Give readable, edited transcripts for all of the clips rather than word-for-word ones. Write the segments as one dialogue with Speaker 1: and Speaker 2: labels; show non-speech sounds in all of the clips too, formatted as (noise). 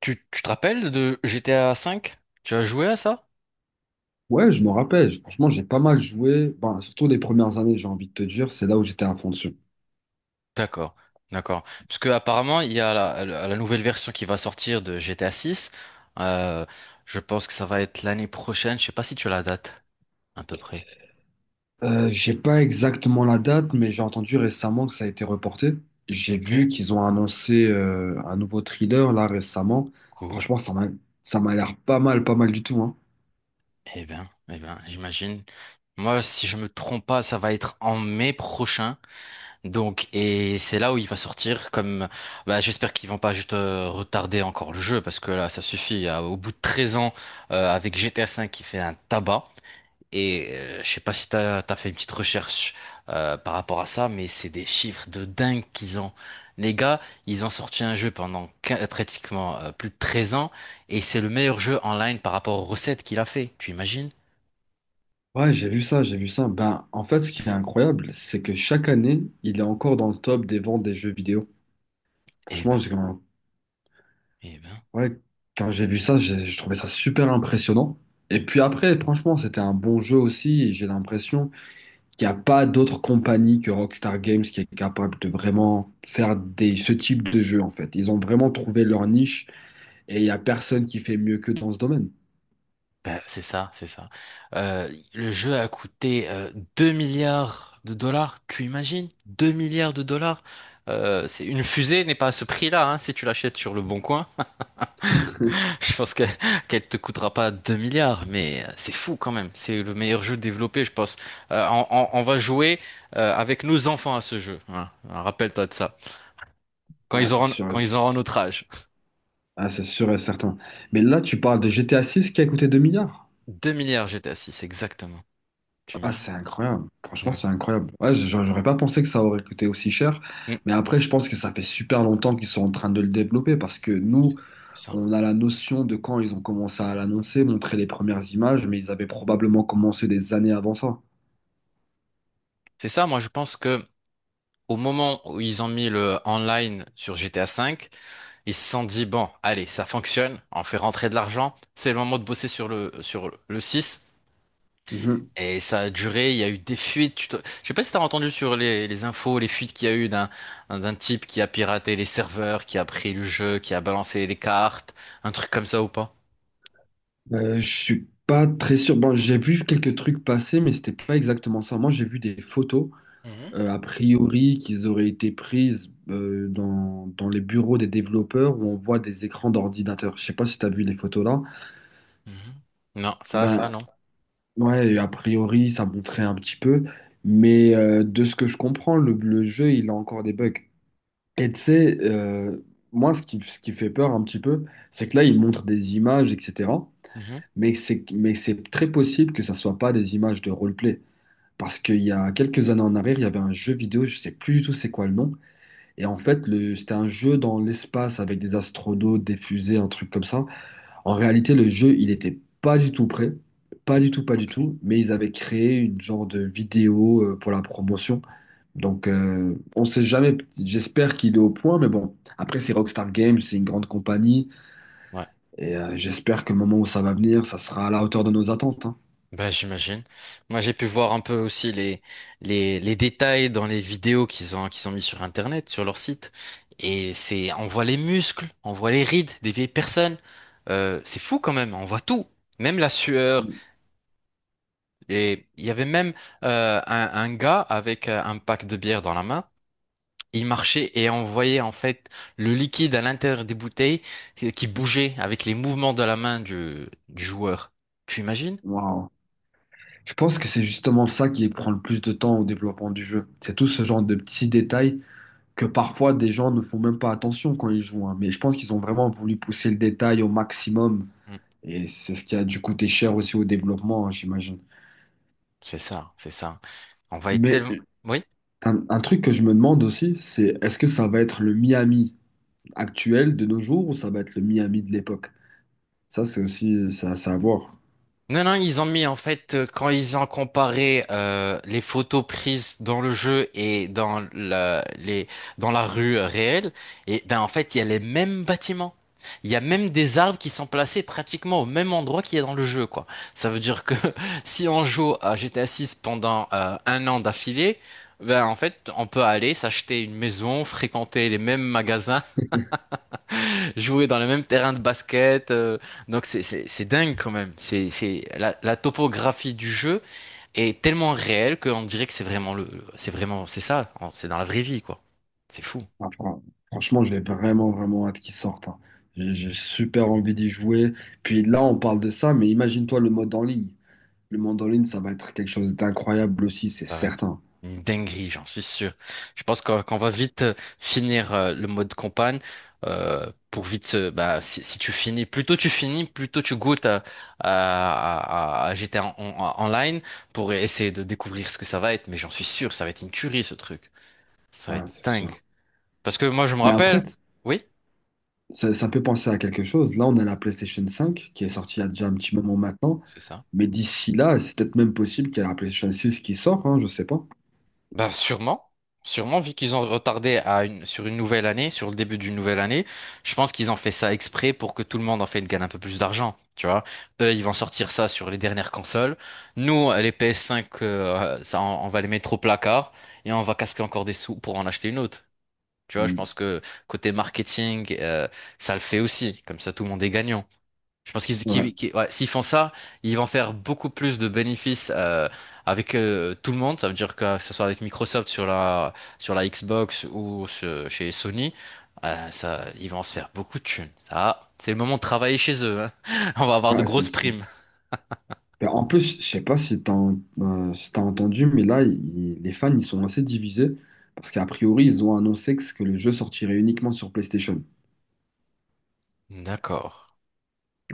Speaker 1: Tu te rappelles de GTA V? Tu as joué à ça?
Speaker 2: Ouais, je me rappelle. Franchement, j'ai pas mal joué. Ben, surtout les premières années, j'ai envie de te dire, c'est là où j'étais à fond dessus.
Speaker 1: D'accord, d'accord. Parce que apparemment, il y a la nouvelle version qui va sortir de GTA 6. Euh, je pense que ça va être l'année prochaine. Je sais pas si tu as la date, à peu près.
Speaker 2: J'ai pas exactement la date, mais j'ai entendu récemment que ça a été reporté. J'ai
Speaker 1: Ok,
Speaker 2: vu qu'ils ont annoncé un nouveau thriller là récemment.
Speaker 1: cool.
Speaker 2: Franchement, ça m'a l'air pas mal, pas mal du tout, hein.
Speaker 1: Eh bien, j'imagine. Moi, si je me trompe pas, ça va être en mai prochain. Donc, et c'est là où il va sortir comme, bah, j'espère qu'ils vont pas juste retarder encore le jeu parce que là, ça suffit. Au bout de 13 ans, avec GTA V qui fait un tabac. Et je sais pas si t'as fait une petite recherche par rapport à ça, mais c'est des chiffres de dingue qu'ils ont. Les gars, ils ont sorti un jeu pendant pratiquement plus de 13 ans et c'est le meilleur jeu en ligne par rapport aux recettes qu'il a fait. Tu imagines?
Speaker 2: Ouais, j'ai vu ça, j'ai vu ça. Ben, en fait, ce qui est incroyable, c'est que chaque année, il est encore dans le top des ventes des jeux vidéo.
Speaker 1: Eh
Speaker 2: Franchement,
Speaker 1: ben,
Speaker 2: j'ai-
Speaker 1: eh ben.
Speaker 2: Ouais, quand j'ai vu ça, j'ai trouvé ça super impressionnant. Et puis après, franchement, c'était un bon jeu aussi . Et j'ai l'impression qu'il n'y a pas d'autre compagnie que Rockstar Games qui est capable de vraiment faire ce type de jeu, en fait. Ils ont vraiment trouvé leur niche et il n'y a personne qui fait mieux que dans ce domaine.
Speaker 1: Bah, c'est ça, c'est ça. Euh, le jeu a coûté 2 milliards de dollars, tu imagines? 2 milliards de dollars? C'est une fusée n'est pas à ce prix-là, hein, si tu l'achètes sur le bon coin.
Speaker 2: (laughs)
Speaker 1: (laughs) Je pense que qu'elle te coûtera pas 2 milliards, mais c'est fou quand même. C'est le meilleur jeu développé, je pense. On va jouer avec nos enfants à ce jeu. Hein. Rappelle-toi de ça. Quand
Speaker 2: Ah,
Speaker 1: ils
Speaker 2: c'est
Speaker 1: auront,
Speaker 2: sûr, et-
Speaker 1: quand ils auront notre âge.
Speaker 2: ah, c'est sûr et certain. Mais là, tu parles de GTA 6 qui a coûté 2 milliards.
Speaker 1: 2 milliards GTA 6, exactement. Tu
Speaker 2: Ah,
Speaker 1: imagines?
Speaker 2: c'est incroyable. Franchement,
Speaker 1: Ouais.
Speaker 2: c'est incroyable. Ouais, j'aurais pas pensé que ça aurait coûté aussi cher.
Speaker 1: Mm,
Speaker 2: Mais après, je pense que ça fait super longtemps qu'ils sont en train de le développer parce que nous,
Speaker 1: c'est ça.
Speaker 2: on a la notion de quand ils ont commencé à l'annoncer, montrer les premières images, mais ils avaient probablement commencé des années avant ça.
Speaker 1: C'est ça, moi je pense que au moment où ils ont mis le online sur GTA V, ils se sont dit, bon, allez, ça fonctionne, on fait rentrer de l'argent, c'est le moment de bosser sur le 6.
Speaker 2: Mhm.
Speaker 1: Et ça a duré, il y a eu des fuites. Je sais pas si t'as entendu sur les infos, les fuites qu'il y a eu d'un type qui a piraté les serveurs, qui a pris le jeu, qui a balancé les cartes, un truc comme ça ou pas?
Speaker 2: Je suis pas très sûr. Bon, j'ai vu quelques trucs passer, mais c'était pas exactement ça. Moi, j'ai vu des photos,
Speaker 1: Mhm.
Speaker 2: a priori, qu'ils auraient été prises dans, dans les bureaux des développeurs où on voit des écrans d'ordinateur. Je sais pas si tu as vu les photos là.
Speaker 1: Mhm. Non, ça,
Speaker 2: Ben,
Speaker 1: non.
Speaker 2: ouais, a priori, ça montrait un petit peu, mais de ce que je comprends, le jeu, il a encore des bugs. Et tu sais, moi, ce qui fait peur un petit peu, c'est que là, il montre des images, etc.
Speaker 1: Mhm.
Speaker 2: Mais c'est très possible que ça soit pas des images de roleplay. Parce qu'il y a quelques années en arrière, il y avait un jeu vidéo, je sais plus du tout c'est quoi le nom. Et en fait, c'était un jeu dans l'espace avec des astronautes, des fusées, un truc comme ça. En réalité, le jeu, il était pas du tout prêt. Pas du tout, pas du
Speaker 1: Ok.
Speaker 2: tout. Mais ils avaient créé une genre de vidéo pour la promotion. Donc, on sait jamais. J'espère qu'il est au point. Mais bon, après, c'est Rockstar Games, c'est une grande compagnie.
Speaker 1: Ouais.
Speaker 2: Et j'espère que le moment où ça va venir, ça sera à la hauteur de nos attentes, hein.
Speaker 1: Bah, j'imagine. Moi, j'ai pu voir un peu aussi les détails dans les vidéos qu'ils ont mis sur Internet, sur leur site. Et c'est, on voit les muscles, on voit les rides des vieilles personnes. C'est fou quand même, on voit tout. Même la sueur. Et il y avait même un gars avec un pack de bière dans la main. Il marchait et on voyait en fait le liquide à l'intérieur des bouteilles qui bougeait avec les mouvements de la main du joueur. Tu imagines?
Speaker 2: Waouh. Je pense que c'est justement ça qui prend le plus de temps au développement du jeu. C'est tout ce genre de petits détails que parfois des gens ne font même pas attention quand ils jouent, hein. Mais je pense qu'ils ont vraiment voulu pousser le détail au maximum.
Speaker 1: Mm.
Speaker 2: Et c'est ce qui a dû coûter cher aussi au développement, hein, j'imagine.
Speaker 1: C'est ça, c'est ça. On va être
Speaker 2: Mais
Speaker 1: tellement... Oui?
Speaker 2: un truc que je me demande aussi, c'est est-ce que ça va être le Miami actuel de nos jours ou ça va être le Miami de l'époque? Ça, c'est aussi ça à savoir.
Speaker 1: Non, non, ils ont mis en fait, quand ils ont comparé les photos prises dans le jeu et dans la rue réelle, et ben en fait, il y a les mêmes bâtiments. Il y a même des arbres qui sont placés pratiquement au même endroit qu'il y a dans le jeu, quoi. Ça veut dire que (laughs) si on joue à GTA 6 pendant un an d'affilée, ben en fait, on peut aller s'acheter une maison, fréquenter les mêmes magasins jouer dans le même terrain de basket. Donc c'est dingue quand même. C'est la topographie du jeu est tellement réelle qu'on dirait que c'est vraiment c'est vraiment c'est ça. C'est dans la vraie vie quoi. C'est fou.
Speaker 2: Ah, fran- Franchement, j'ai vraiment, vraiment hâte qu'ils sortent, hein. J'ai super envie d'y jouer. Puis là, on parle de ça, mais imagine-toi le mode en ligne. Le mode en ligne, ça va être quelque chose d'incroyable aussi, c'est
Speaker 1: Ça va être
Speaker 2: certain.
Speaker 1: une dinguerie, j'en suis sûr. Je pense qu'on va vite finir le mode campagne pour vite. Bah, si tu finis, plus tôt tu finis, plus tôt tu goûtes à GTA online pour essayer de découvrir ce que ça va être. Mais j'en suis sûr, ça va être une tuerie ce truc. Ça va
Speaker 2: Ah,
Speaker 1: être
Speaker 2: c'est
Speaker 1: dingue.
Speaker 2: sûr.
Speaker 1: Parce que moi, je me
Speaker 2: Mais après,
Speaker 1: rappelle.
Speaker 2: t-
Speaker 1: Oui,
Speaker 2: ça, ça peut penser à quelque chose. Là, on a la PlayStation cinq qui est sortie il y a déjà un petit moment maintenant.
Speaker 1: c'est ça.
Speaker 2: Mais d'ici là, c'est peut-être même possible qu'il y ait la PlayStation six qui sort, hein, je sais pas.
Speaker 1: Ben, sûrement. Sûrement, vu qu'ils ont retardé sur une nouvelle année, sur le début d'une nouvelle année, je pense qu'ils ont fait ça exprès pour que tout le monde, en fait, gagne un peu plus d'argent. Tu vois? Eux, ils vont sortir ça sur les dernières consoles. Nous, les PS5, ça, on va les mettre au placard et on va casquer encore des sous pour en acheter une autre. Tu vois? Je
Speaker 2: Mm.
Speaker 1: pense que côté marketing, ça le fait aussi. Comme ça, tout le monde est gagnant. Je pense
Speaker 2: Ouais.
Speaker 1: ouais, s'ils font ça, ils vont faire beaucoup plus de bénéfices avec tout le monde. Ça veut dire que ce soit avec Microsoft sur la Xbox ou chez Sony, ça, ils vont se faire beaucoup de thunes. Ça, c'est le moment de travailler chez eux. Hein. (laughs) On va avoir de
Speaker 2: Ah, c'est
Speaker 1: grosses
Speaker 2: sûr.
Speaker 1: primes.
Speaker 2: Ben, en plus, je sais pas si si t'as entendu, mais là, les fans, ils sont assez divisés. Parce qu'à priori, ils ont annoncé que le jeu sortirait uniquement sur PlayStation.
Speaker 1: D'accord.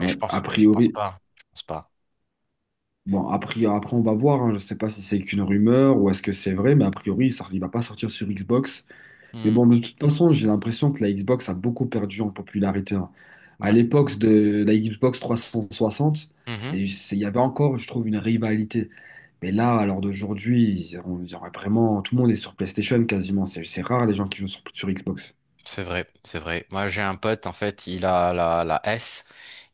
Speaker 2: A
Speaker 1: Mais je pense
Speaker 2: priori,
Speaker 1: pas. Je pense pas.
Speaker 2: bon, a priori, après on va voir, hein. Je sais pas si c'est qu'une rumeur ou est-ce que c'est vrai, mais a priori il va pas sortir sur Xbox. Mais
Speaker 1: Hmm,
Speaker 2: bon, de toute façon, j'ai l'impression que la Xbox a beaucoup perdu en popularité, hein. À
Speaker 1: ouais.
Speaker 2: l'époque de la Xbox 360,
Speaker 1: Mhm.
Speaker 2: il y avait encore, je trouve, une rivalité. Mais là, à l'heure d'aujourd'hui, on dirait vraiment, tout le monde est sur PlayStation quasiment. C'est rare les gens qui jouent sur, sur Xbox.
Speaker 1: C'est vrai, c'est vrai. Moi, j'ai un pote, en fait, il a la S.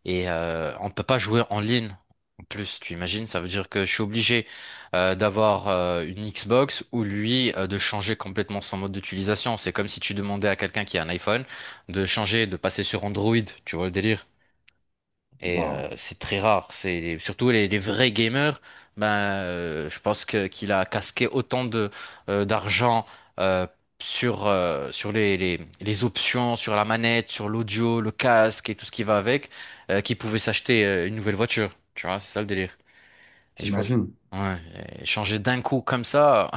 Speaker 1: Et on ne peut pas jouer en ligne. En plus, tu imagines, ça veut dire que je suis obligé d'avoir une Xbox ou lui de changer complètement son mode d'utilisation. C'est comme si tu demandais à quelqu'un qui a un iPhone de changer, de passer sur Android. Tu vois le délire? Et
Speaker 2: Waouh,
Speaker 1: c'est très rare. C'est surtout les vrais gamers. Ben, je pense que qu'il a casqué autant de d'argent euh, sur les options, sur la manette, sur l'audio, le casque et tout ce qui va avec, qu'il pouvait s'acheter une nouvelle voiture. Tu vois, c'est ça le délire. Et je pense,
Speaker 2: t'imagines?
Speaker 1: ouais, et changer d'un coup comme ça.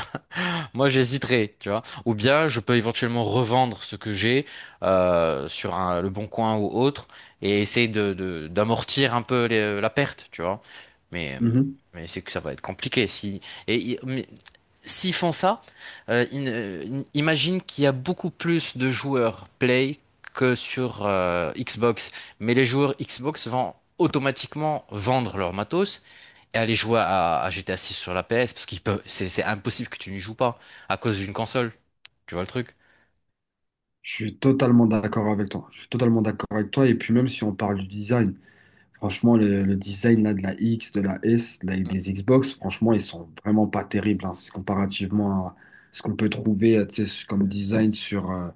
Speaker 1: Moi, j'hésiterais, tu vois. Ou bien, je peux éventuellement revendre ce que j'ai sur le Bon Coin ou autre et essayer d'amortir un peu la perte, tu vois. Mais, euh,
Speaker 2: Mhm.
Speaker 1: mais c'est que ça va être compliqué. Si, et, i- mais S'ils font ça, imagine qu'il y a beaucoup plus de joueurs Play que sur Xbox. Mais les joueurs Xbox vont automatiquement vendre leur matos et aller jouer à GTA 6 sur la PS parce qu'il peut, c'est impossible que tu n'y joues pas à cause d'une console. Tu vois le truc?
Speaker 2: Je suis totalement d'accord avec toi. Je suis totalement d'accord avec toi. Et puis même si on parle du design. Franchement, le design là, de la X, de la S,
Speaker 1: Mm,
Speaker 2: des Xbox, franchement, ils sont vraiment pas terribles hein, c'est comparativement à ce qu'on peut trouver tu sais, comme design sur, euh,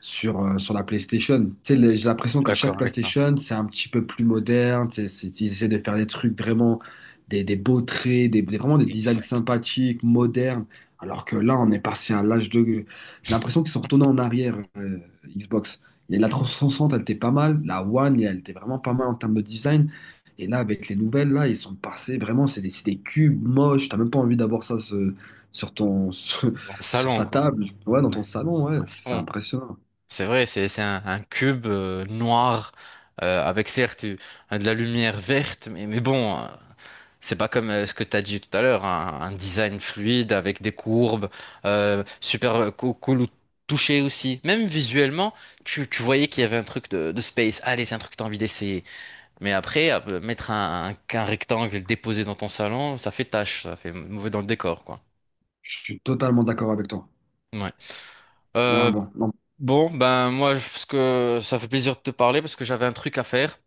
Speaker 2: sur, euh, sur la PlayStation. Tu sais, j'ai
Speaker 1: Je
Speaker 2: l'impression
Speaker 1: suis
Speaker 2: qu'à chaque
Speaker 1: d'accord avec toi.
Speaker 2: PlayStation, c'est un petit peu plus moderne. Tu sais, ils essaient de faire des trucs vraiment, des beaux traits, vraiment des designs
Speaker 1: Exact.
Speaker 2: sympathiques, modernes. Alors que là, on est passé à l'âge de... J'ai l'impression qu'ils sont retournés en arrière, Xbox. Et la 360, elle était pas mal. La One, elle était vraiment pas mal en termes de design. Et là, avec les nouvelles, là, ils sont passés vraiment, c'est des cubes moches. T'as même pas envie d'avoir ça sur ton, (laughs)
Speaker 1: Au
Speaker 2: sur
Speaker 1: salon,
Speaker 2: ta
Speaker 1: quoi.
Speaker 2: table, ouais, dans
Speaker 1: Ouais,
Speaker 2: ton salon, ouais,
Speaker 1: à
Speaker 2: c'est
Speaker 1: fond.
Speaker 2: impressionnant.
Speaker 1: C'est vrai, c'est un cube noir avec certes de la lumière verte, mais bon, c'est pas comme ce que t'as dit tout à l'heure, un design fluide avec des courbes, super cool, au toucher aussi. Même visuellement, tu voyais qu'il y avait un truc de space. Allez, c'est un truc que t'as envie d'essayer. Mais après, mettre un rectangle et le déposer dans ton salon, ça fait tâche, ça fait mauvais dans le décor, quoi.
Speaker 2: Je suis totalement d'accord avec toi.
Speaker 1: Ouais.
Speaker 2: Ah,
Speaker 1: Euh,
Speaker 2: bon, non.
Speaker 1: bon, ben moi, parce que ça fait plaisir de te parler parce que j'avais un truc à faire.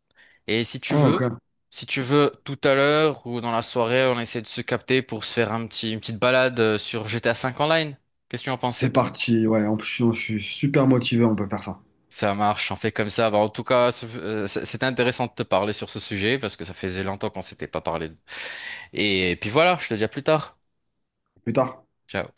Speaker 1: Et si tu
Speaker 2: Oh,
Speaker 1: veux,
Speaker 2: ok.
Speaker 1: si tu veux, tout à l'heure ou dans la soirée, on essaie de se capter pour se faire une petite balade sur GTA V Online. Qu'est-ce que tu en penses?
Speaker 2: C'est parti. Ouais, en plus, je suis super motivé, on peut faire ça.
Speaker 1: Ça marche, on fait comme ça. Bah, en tout cas, c'était intéressant de te parler sur ce sujet parce que ça faisait longtemps qu'on s'était pas parlé. Et puis voilà, je te dis à plus tard.
Speaker 2: Plus tard.
Speaker 1: Ciao.